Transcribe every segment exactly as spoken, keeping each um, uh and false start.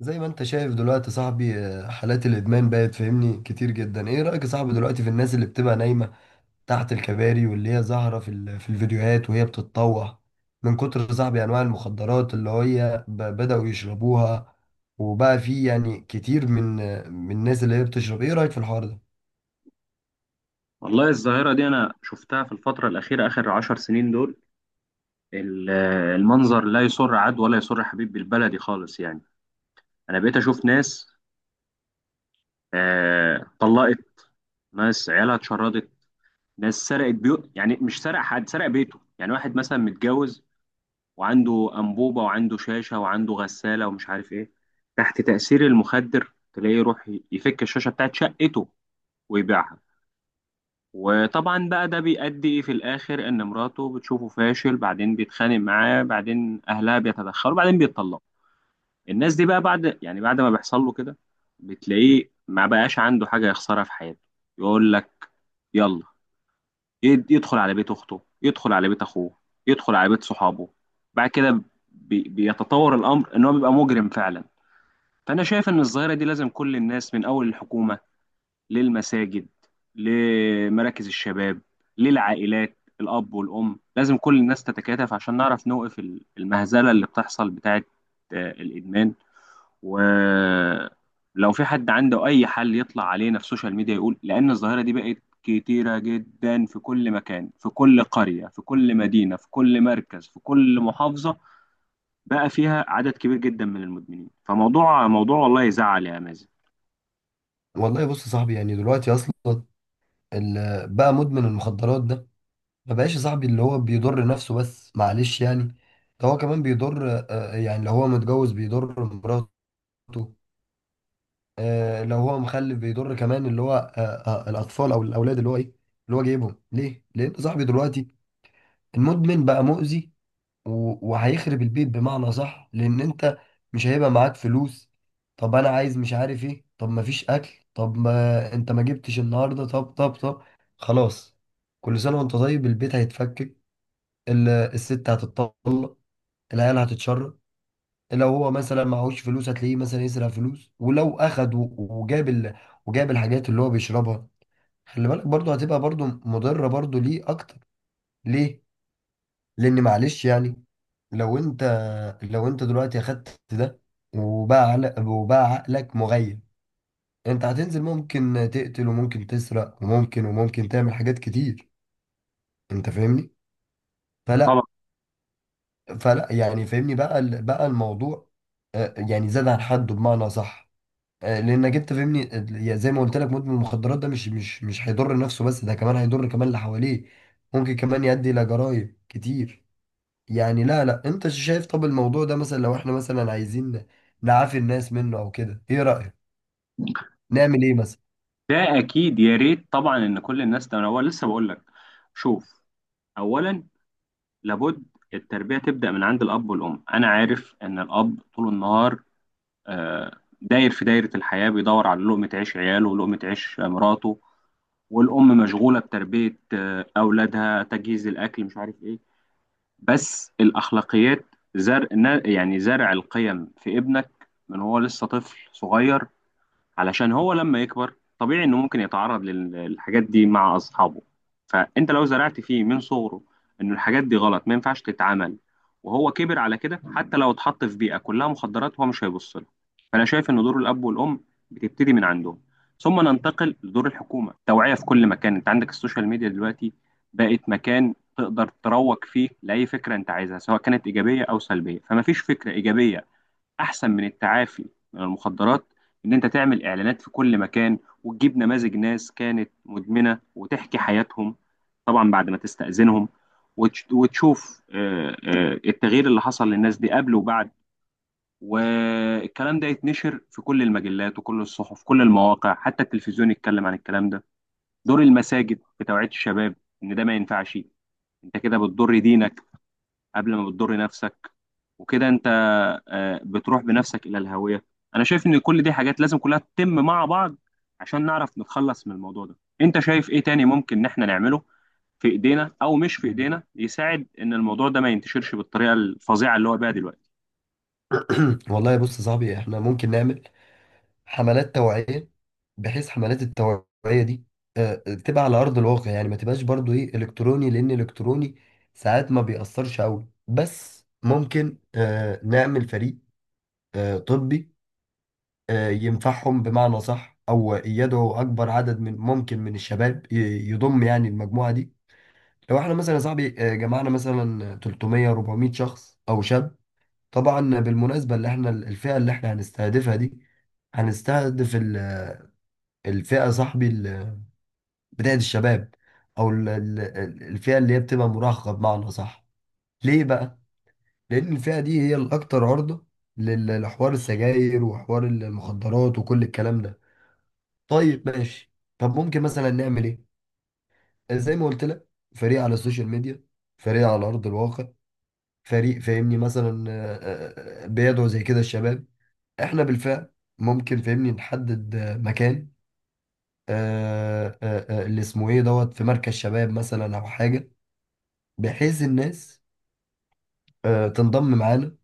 زي ما انت شايف دلوقتي صاحبي آه، حالات الادمان بقت فاهمني كتير جدا. ايه رايك يا صاحبي دلوقتي في الناس اللي بتبقى نايمه تحت الكباري، واللي هي ظاهره في ال- في الفيديوهات وهي بتتطوح من كتر، صاحبي، انواع المخدرات اللي هي ب- بداوا يشربوها، وبقى في يعني كتير من آه، من الناس اللي هي بتشرب؟ ايه رايك في الحوار ده؟ والله الظاهرة دي أنا شفتها في الفترة الأخيرة آخر عشر سنين دول. ال- المنظر لا يسر عاد ولا يسر حبيب، بالبلدي خالص يعني. أنا بقيت أشوف ناس آه، طلقت. ناس عيالها اتشردت. ناس سرقت بيوت، يعني مش سرق حد سرق بيته، يعني واحد مثلا متجوز وعنده أنبوبة وعنده شاشة وعنده غسالة ومش عارف إيه. تحت تأثير المخدر تلاقيه يروح يفك الشاشة بتاعت شقته ويبيعها. وطبعا بقى ده بيؤدي في الاخر ان مراته بتشوفه فاشل، بعدين بيتخانق معاه، بعدين اهلها بيتدخلوا، بعدين بيتطلقوا. الناس دي بقى بعد، يعني بعد ما بيحصل له كده، بتلاقيه ما بقاش عنده حاجة يخسرها في حياته. يقول لك يلا. يد- يدخل على بيت اخته، يدخل على بيت اخوه، يدخل على بيت صحابه. بعد كده بي- بيتطور الامر ان هو بيبقى مجرم فعلا. فانا شايف ان الظاهرة دي لازم كل الناس، من اول الحكومة للمساجد لمراكز الشباب للعائلات الأب والأم، لازم كل الناس تتكاتف عشان نعرف نوقف ال- المهزلة اللي بتحصل بتاعة آه، الإدمان. ولو في حد عنده أي حل يطلع علينا في السوشيال ميديا يقول، لأن الظاهرة دي بقت كتيرة جدا، في كل مكان، في كل قرية، في كل مدينة، في كل مركز، في كل محافظة، بقى فيها عدد كبير جدا من المدمنين. فموضوع موضوع والله يزعل يا مازن. والله بص يا صاحبي، يعني دلوقتي اصلا ال- بقى مدمن المخدرات ده ما بقاش يا صاحبي اللي هو بيضر نفسه بس، معلش يعني. ده هو كمان بيضر، آه، آه، يعني لو هو متجوز بيضر مراته مراته. آه لو هو مخلف بيضر كمان اللي هو آه آه الاطفال او الاولاد اللي هو ايه، اللي هو جايبهم ليه، لان انت صاحبي دلوقتي المدمن بقى مؤذي. و- وهيخرب البيت بمعنى صح، لان انت مش هيبقى معاك فلوس. طب انا عايز، مش عارف ايه، طب ما فيش اكل، طب ما انت ما جبتش النهارده، طب طب طب، خلاص. كل سنه وانت طيب. البيت هيتفكك، ال- الست هتتطلق، العيال هتتشرد. لو هو مثلا معهوش فلوس هتلاقيه مثلا يسرق فلوس، ولو اخد و- وجاب ال... وجاب الحاجات اللي هو بيشربها، خلي بالك برضو هتبقى برضو مضرة برضو ليه اكتر. ليه؟ لان معلش يعني، لو انت لو انت دلوقتي اخدت ده، وباع عل- وباع عقلك مغيب، انت هتنزل ممكن تقتل، وممكن تسرق، وممكن وممكن تعمل حاجات كتير. انت فاهمني؟ فلا طبعا. فلا يعني فاهمني بقى ال- بقى الموضوع، آه، يعني زاد عن حده، بمعنى صح. آه، لانك انت فاهمني، ال- زي ما قلت لك مدمن المخدرات ده مش مش مش هيضر نفسه بس، ده كمان هيضر كمان اللي حواليه. ممكن كمان يؤدي الى جرائم كتير. يعني لا لا انت شايف، طب الموضوع ده مثلا لو احنا مثلا عايزين نعافي الناس منه او كده، ايه رأيك نعمل ايه مثلا؟ ده اكيد، يا ريت طبعا ان كل الناس تنوع. لسه بقول لك. شوف. اولا، لابد التربيه تبدا من عند الاب والام. انا عارف ان الاب طول النهار آه، داير في دايره الحياه، بيدور على لقمه عيش عياله ولقمه عيش آه، مراته. والام مشغوله بتربيه آه، اولادها، تجهيز الاكل، مش عارف ايه. بس الاخلاقيات، زرع، يعني زرع القيم في ابنك من هو لسه طفل صغير، علشان هو لما يكبر طبيعي انه ممكن يتعرض لل- للحاجات دي مع اصحابه. فانت لو زرعت فيه من صغره انه الحاجات دي غلط ما ينفعش تتعمل، وهو كبر على كده، حتى لو اتحط في بيئة كلها مخدرات هو مش هيبص لها. فانا شايف ان دور الاب والام بتبتدي من عندهم. ثم ننتقل لدور الحكومة، توعية في كل مكان. انت عندك السوشيال ميديا دلوقتي بقت مكان تقدر تروج فيه لأي فكرة انت عايزها، سواء كانت إيجابية أو سلبية. فما فيش فكرة إيجابية احسن من التعافي من المخدرات، ان انت تعمل اعلانات في كل مكان وتجيب نماذج ناس كانت مدمنة وتحكي حياتهم، طبعا بعد ما تستأذنهم، وتش- وتشوف آه، آه، التغيير اللي حصل للناس دي قبل وبعد. والكلام ده يتنشر في كل المجلات وكل الصحف، كل المواقع، حتى التلفزيون يتكلم عن الكلام ده. دور المساجد في توعية الشباب ان ده ما ينفعش، انت كده بتضر دينك قبل ما بتضر نفسك، وكده انت آه، بتروح بنفسك الى الهوية. انا شايف ان كل دي حاجات لازم كلها تتم مع بعض عشان نعرف نتخلص من الموضوع ده. انت شايف ايه تاني ممكن ان احنا نعمله في ايدينا او مش في ايدينا، يساعد ان الموضوع ده ما ينتشرش بالطريقة الفظيعة اللي هو بيها دلوقتي؟ والله بص يا صاحبي، احنا ممكن نعمل حملات توعية، بحيث حملات التوعية دي آه، تبقى على أرض الواقع، يعني ما تبقاش برضو إيه، إلكتروني، لأن إلكتروني ساعات ما بيأثرش أوي. بس ممكن آه، نعمل فريق آه، طبي، آه، ينفعهم بمعنى صح، أو يدعو أكبر عدد من ممكن من الشباب، ي- يضم يعني المجموعة دي. لو احنا مثلا يا صاحبي، آه، جمعنا مثلا ثلاث مية أربعمائة شخص أو شاب، طبعا بالمناسبة اللي احنا الفئة اللي احنا هنستهدفها دي، هنستهدف الفئة صاحبي ال- بداية الشباب، أو ال- ال- ال- الفئة اللي هي بتبقى مراهقة بمعنى صح. ليه بقى؟ لأن الفئة دي هي الأكثر عرضة لل- لحوار السجاير وحوار المخدرات وكل الكلام ده. طيب ماشي. طب ممكن مثلا نعمل إيه؟ زي ما قلت لك، فريق على السوشيال ميديا، فريق على أرض الواقع، فريق فاهمني مثلا، آه، آه، آه، بيدعو زي كده الشباب. إحنا بالفعل ممكن فاهمني نحدد آه، مكان آه، آه، آه، اللي اسمه ايه دوت، في مركز شباب مثلا او حاجه، بحيث الناس آه، تنضم معانا،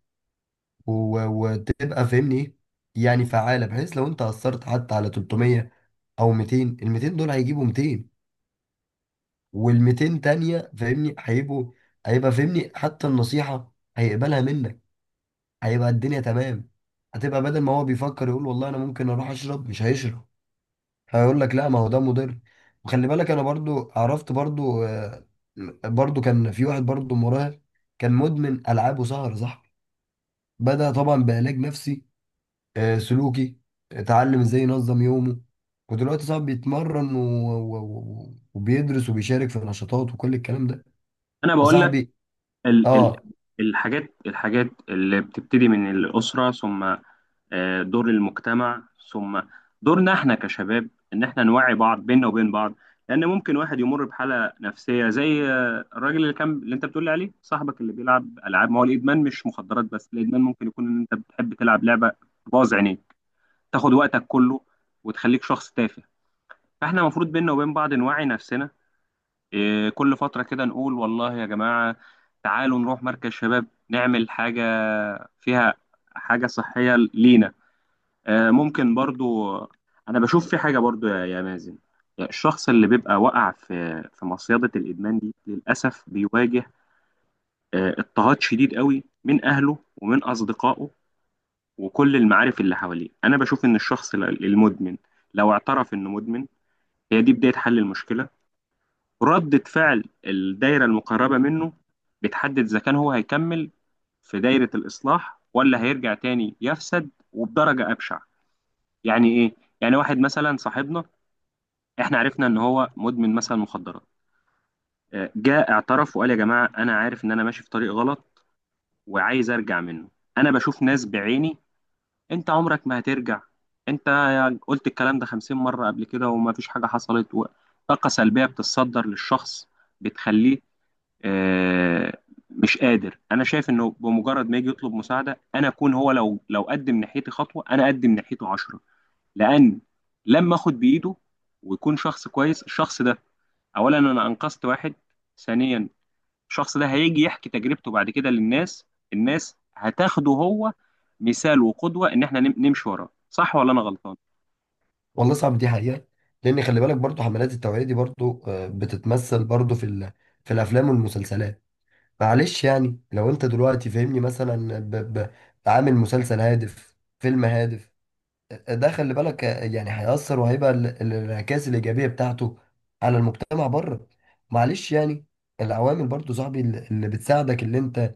و- وتبقى فاهمني ايه، يعني فعاله. بحيث لو انت اثرت حتى على ثلاث مية او ميتين، ال ميتين دول هيجيبوا ميتين، وال ميتين تانيه فاهمني هيبقوا، هيبقى فاهمني حتى النصيحه هيقبلها منك، هيبقى الدنيا تمام. هتبقى بدل ما هو بيفكر يقول والله انا ممكن اروح اشرب، مش هيشرب، هيقول لك لا ما هو ده مضر. وخلي بالك، انا برضو عرفت برضو آه، برضو كان في واحد برضو مراهق كان مدمن العاب وسهر، صح؟ بدأ طبعا بعلاج نفسي آه، سلوكي، اتعلم ازاي ينظم يومه، ودلوقتي صاحبي بيتمرن و- و- و- وبيدرس وبيشارك في نشاطات وكل الكلام ده. انا بقول لك فصاحبي، ال ال اه. الحاجات الحاجات اللي بتبتدي من الأسرة، ثم آه، دور المجتمع، ثم دورنا احنا كشباب ان احنا نوعي بعض بيننا وبين بعض. لان ممكن واحد يمر بحاله نفسيه زي آه، الراجل اللي كان، اللي انت بتقول لي عليه صاحبك اللي بيلعب العاب. ما هو الادمان مش مخدرات بس، الادمان ممكن يكون ان انت بتحب تلعب لعبه باظ عينيك، تاخد وقتك كله وتخليك شخص تافه. فاحنا المفروض بيننا وبين بعض نوعي نفسنا، آه، كل فتره كده نقول والله يا جماعه تعالوا نروح مركز شباب نعمل حاجه فيها حاجه صحيه لينا. آه، ممكن برضو. انا بشوف في حاجه برضو يا يا مازن، الشخص اللي بيبقى وقع في في مصيده الادمان دي للاسف بيواجه آه، اضطهاد شديد قوي من اهله ومن اصدقائه وكل المعارف اللي حواليه. انا بشوف ان الشخص ال- المدمن لو اعترف انه مدمن، هي دي بدايه حل المشكله. ردة فعل الدايره المقربه منه بتحدد اذا كان هو هيكمل في دايره الاصلاح، ولا هيرجع تاني يفسد وبدرجه ابشع. يعني ايه؟ يعني واحد مثلا صاحبنا، احنا عرفنا ان هو مدمن مثلا مخدرات، آه، جاء اعترف وقال يا جماعه انا عارف ان انا ماشي في طريق غلط وعايز ارجع منه. انا بشوف ناس بعيني: انت عمرك ما هترجع، انت قلت الكلام ده خمسين مره قبل كده وما فيش حاجه حصلت، و- طاقه سلبيه بتتصدر للشخص بتخليه آه، مش قادر. انا شايف انه بمجرد ما يجي يطلب مساعده، انا اكون هو لو لو قدم ناحيتي خطوه، انا اقدم ناحيته عشرة. لان لما اخد بايده ويكون شخص كويس، الشخص ده: اولا انا انقذت واحد، ثانيا الشخص ده هيجي يحكي تجربته بعد كده للناس، الناس هتاخده هو مثال وقدوة ان احنا نم- نمشي وراه. صح ولا انا غلطان؟ والله صاحبي دي حقيقة، لان خلي بالك برضو حملات التوعية دي برضو آه، بتتمثل برضو في ال- في الافلام والمسلسلات. معلش يعني لو انت دلوقتي فاهمني مثلا ب... ب... عامل مسلسل هادف، فيلم هادف. ده خلي بالك يعني هيأثر، وهيبقى ال- ال- الانعكاس الإيجابية بتاعته على المجتمع بره. معلش يعني، العوامل برضو صاحبي اللي اللي بتساعدك اللي انت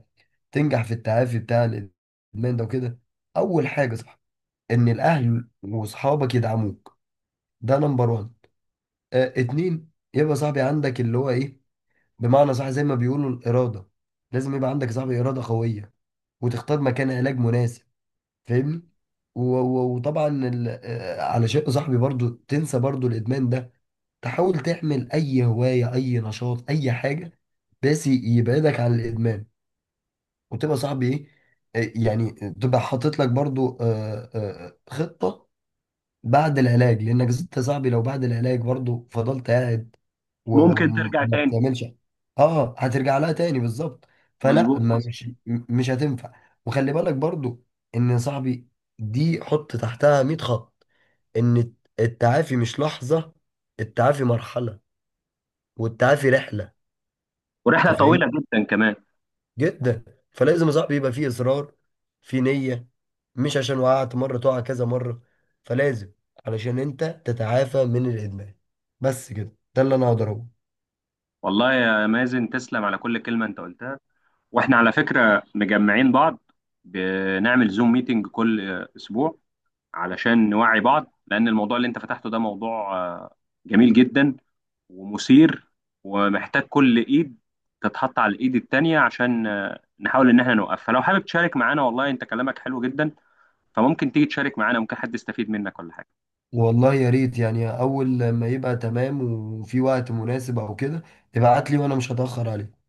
تنجح في التعافي بتاع الإدمان ده وكده. أول حاجة صح، إن الأهل وأصحابك يدعموك، ده نمبر وان. اه، اتنين يبقى صاحبي عندك اللي هو إيه، بمعنى صح زي ما بيقولوا، الإرادة. لازم يبقى عندك صاحبي إرادة قوية، وتختار مكان علاج مناسب، فاهمني. و- و- وطبعا ال- آه، على شيء صاحبي برضو تنسى برضو الادمان ده، تحاول تعمل اي هواية، اي نشاط، اي حاجة بس ي- يبعدك عن الادمان. وتبقى صاحبي ايه، آه، يعني تبقى حاطط لك برضو آه، آه، خطة بعد العلاج. لانك انت صاحبي لو بعد العلاج برضو فضلت قاعد و- ممكن ترجع وما تاني. بتعملش، اه هترجع لها تاني بالظبط. فلا مظبوط ما حصل. مش م- مش هتنفع. وخلي بالك برضو ان، يا صاحبي، دي حط تحتها مية خط، ان التعافي مش لحظة، التعافي مرحلة، والتعافي رحلة. انت ورحلة فاهم، طويلة جدا كمان. جدا. فلازم يا صاحبي يبقى فيه اصرار، في نية. مش عشان وقعت مرة تقع كذا مرة. فلازم، علشان انت تتعافى من الادمان. بس كده، ده اللي انا اقدر اقوله. والله يا مازن تسلم على كل كلمة انت قلتها. واحنا على فكرة مجمعين بعض بنعمل زوم ميتنج كل اسبوع علشان نوعي بعض، لأن الموضوع اللي أنت فتحته ده موضوع آه، جميل جدا ومثير ومحتاج كل إيد تتحط على الإيد التانية عشان آه، نحاول إن إحنا نوقف. فلو حابب تشارك معانا، والله أنت كلامك حلو جدا، فممكن تيجي تشارك معانا، ممكن حد يستفيد منك ولا حاجة. والله يا ريت، يعني اول لما يبقى تمام وفي وقت مناسب او كده، ابعت لي وانا مش هتأخر عليك.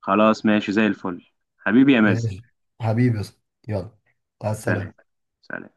خلاص ماشي زي الفل، حبيبي يا مازن. ماشي، حبيبي يا اسطى. يلا، مع سلام. السلامة. سلام.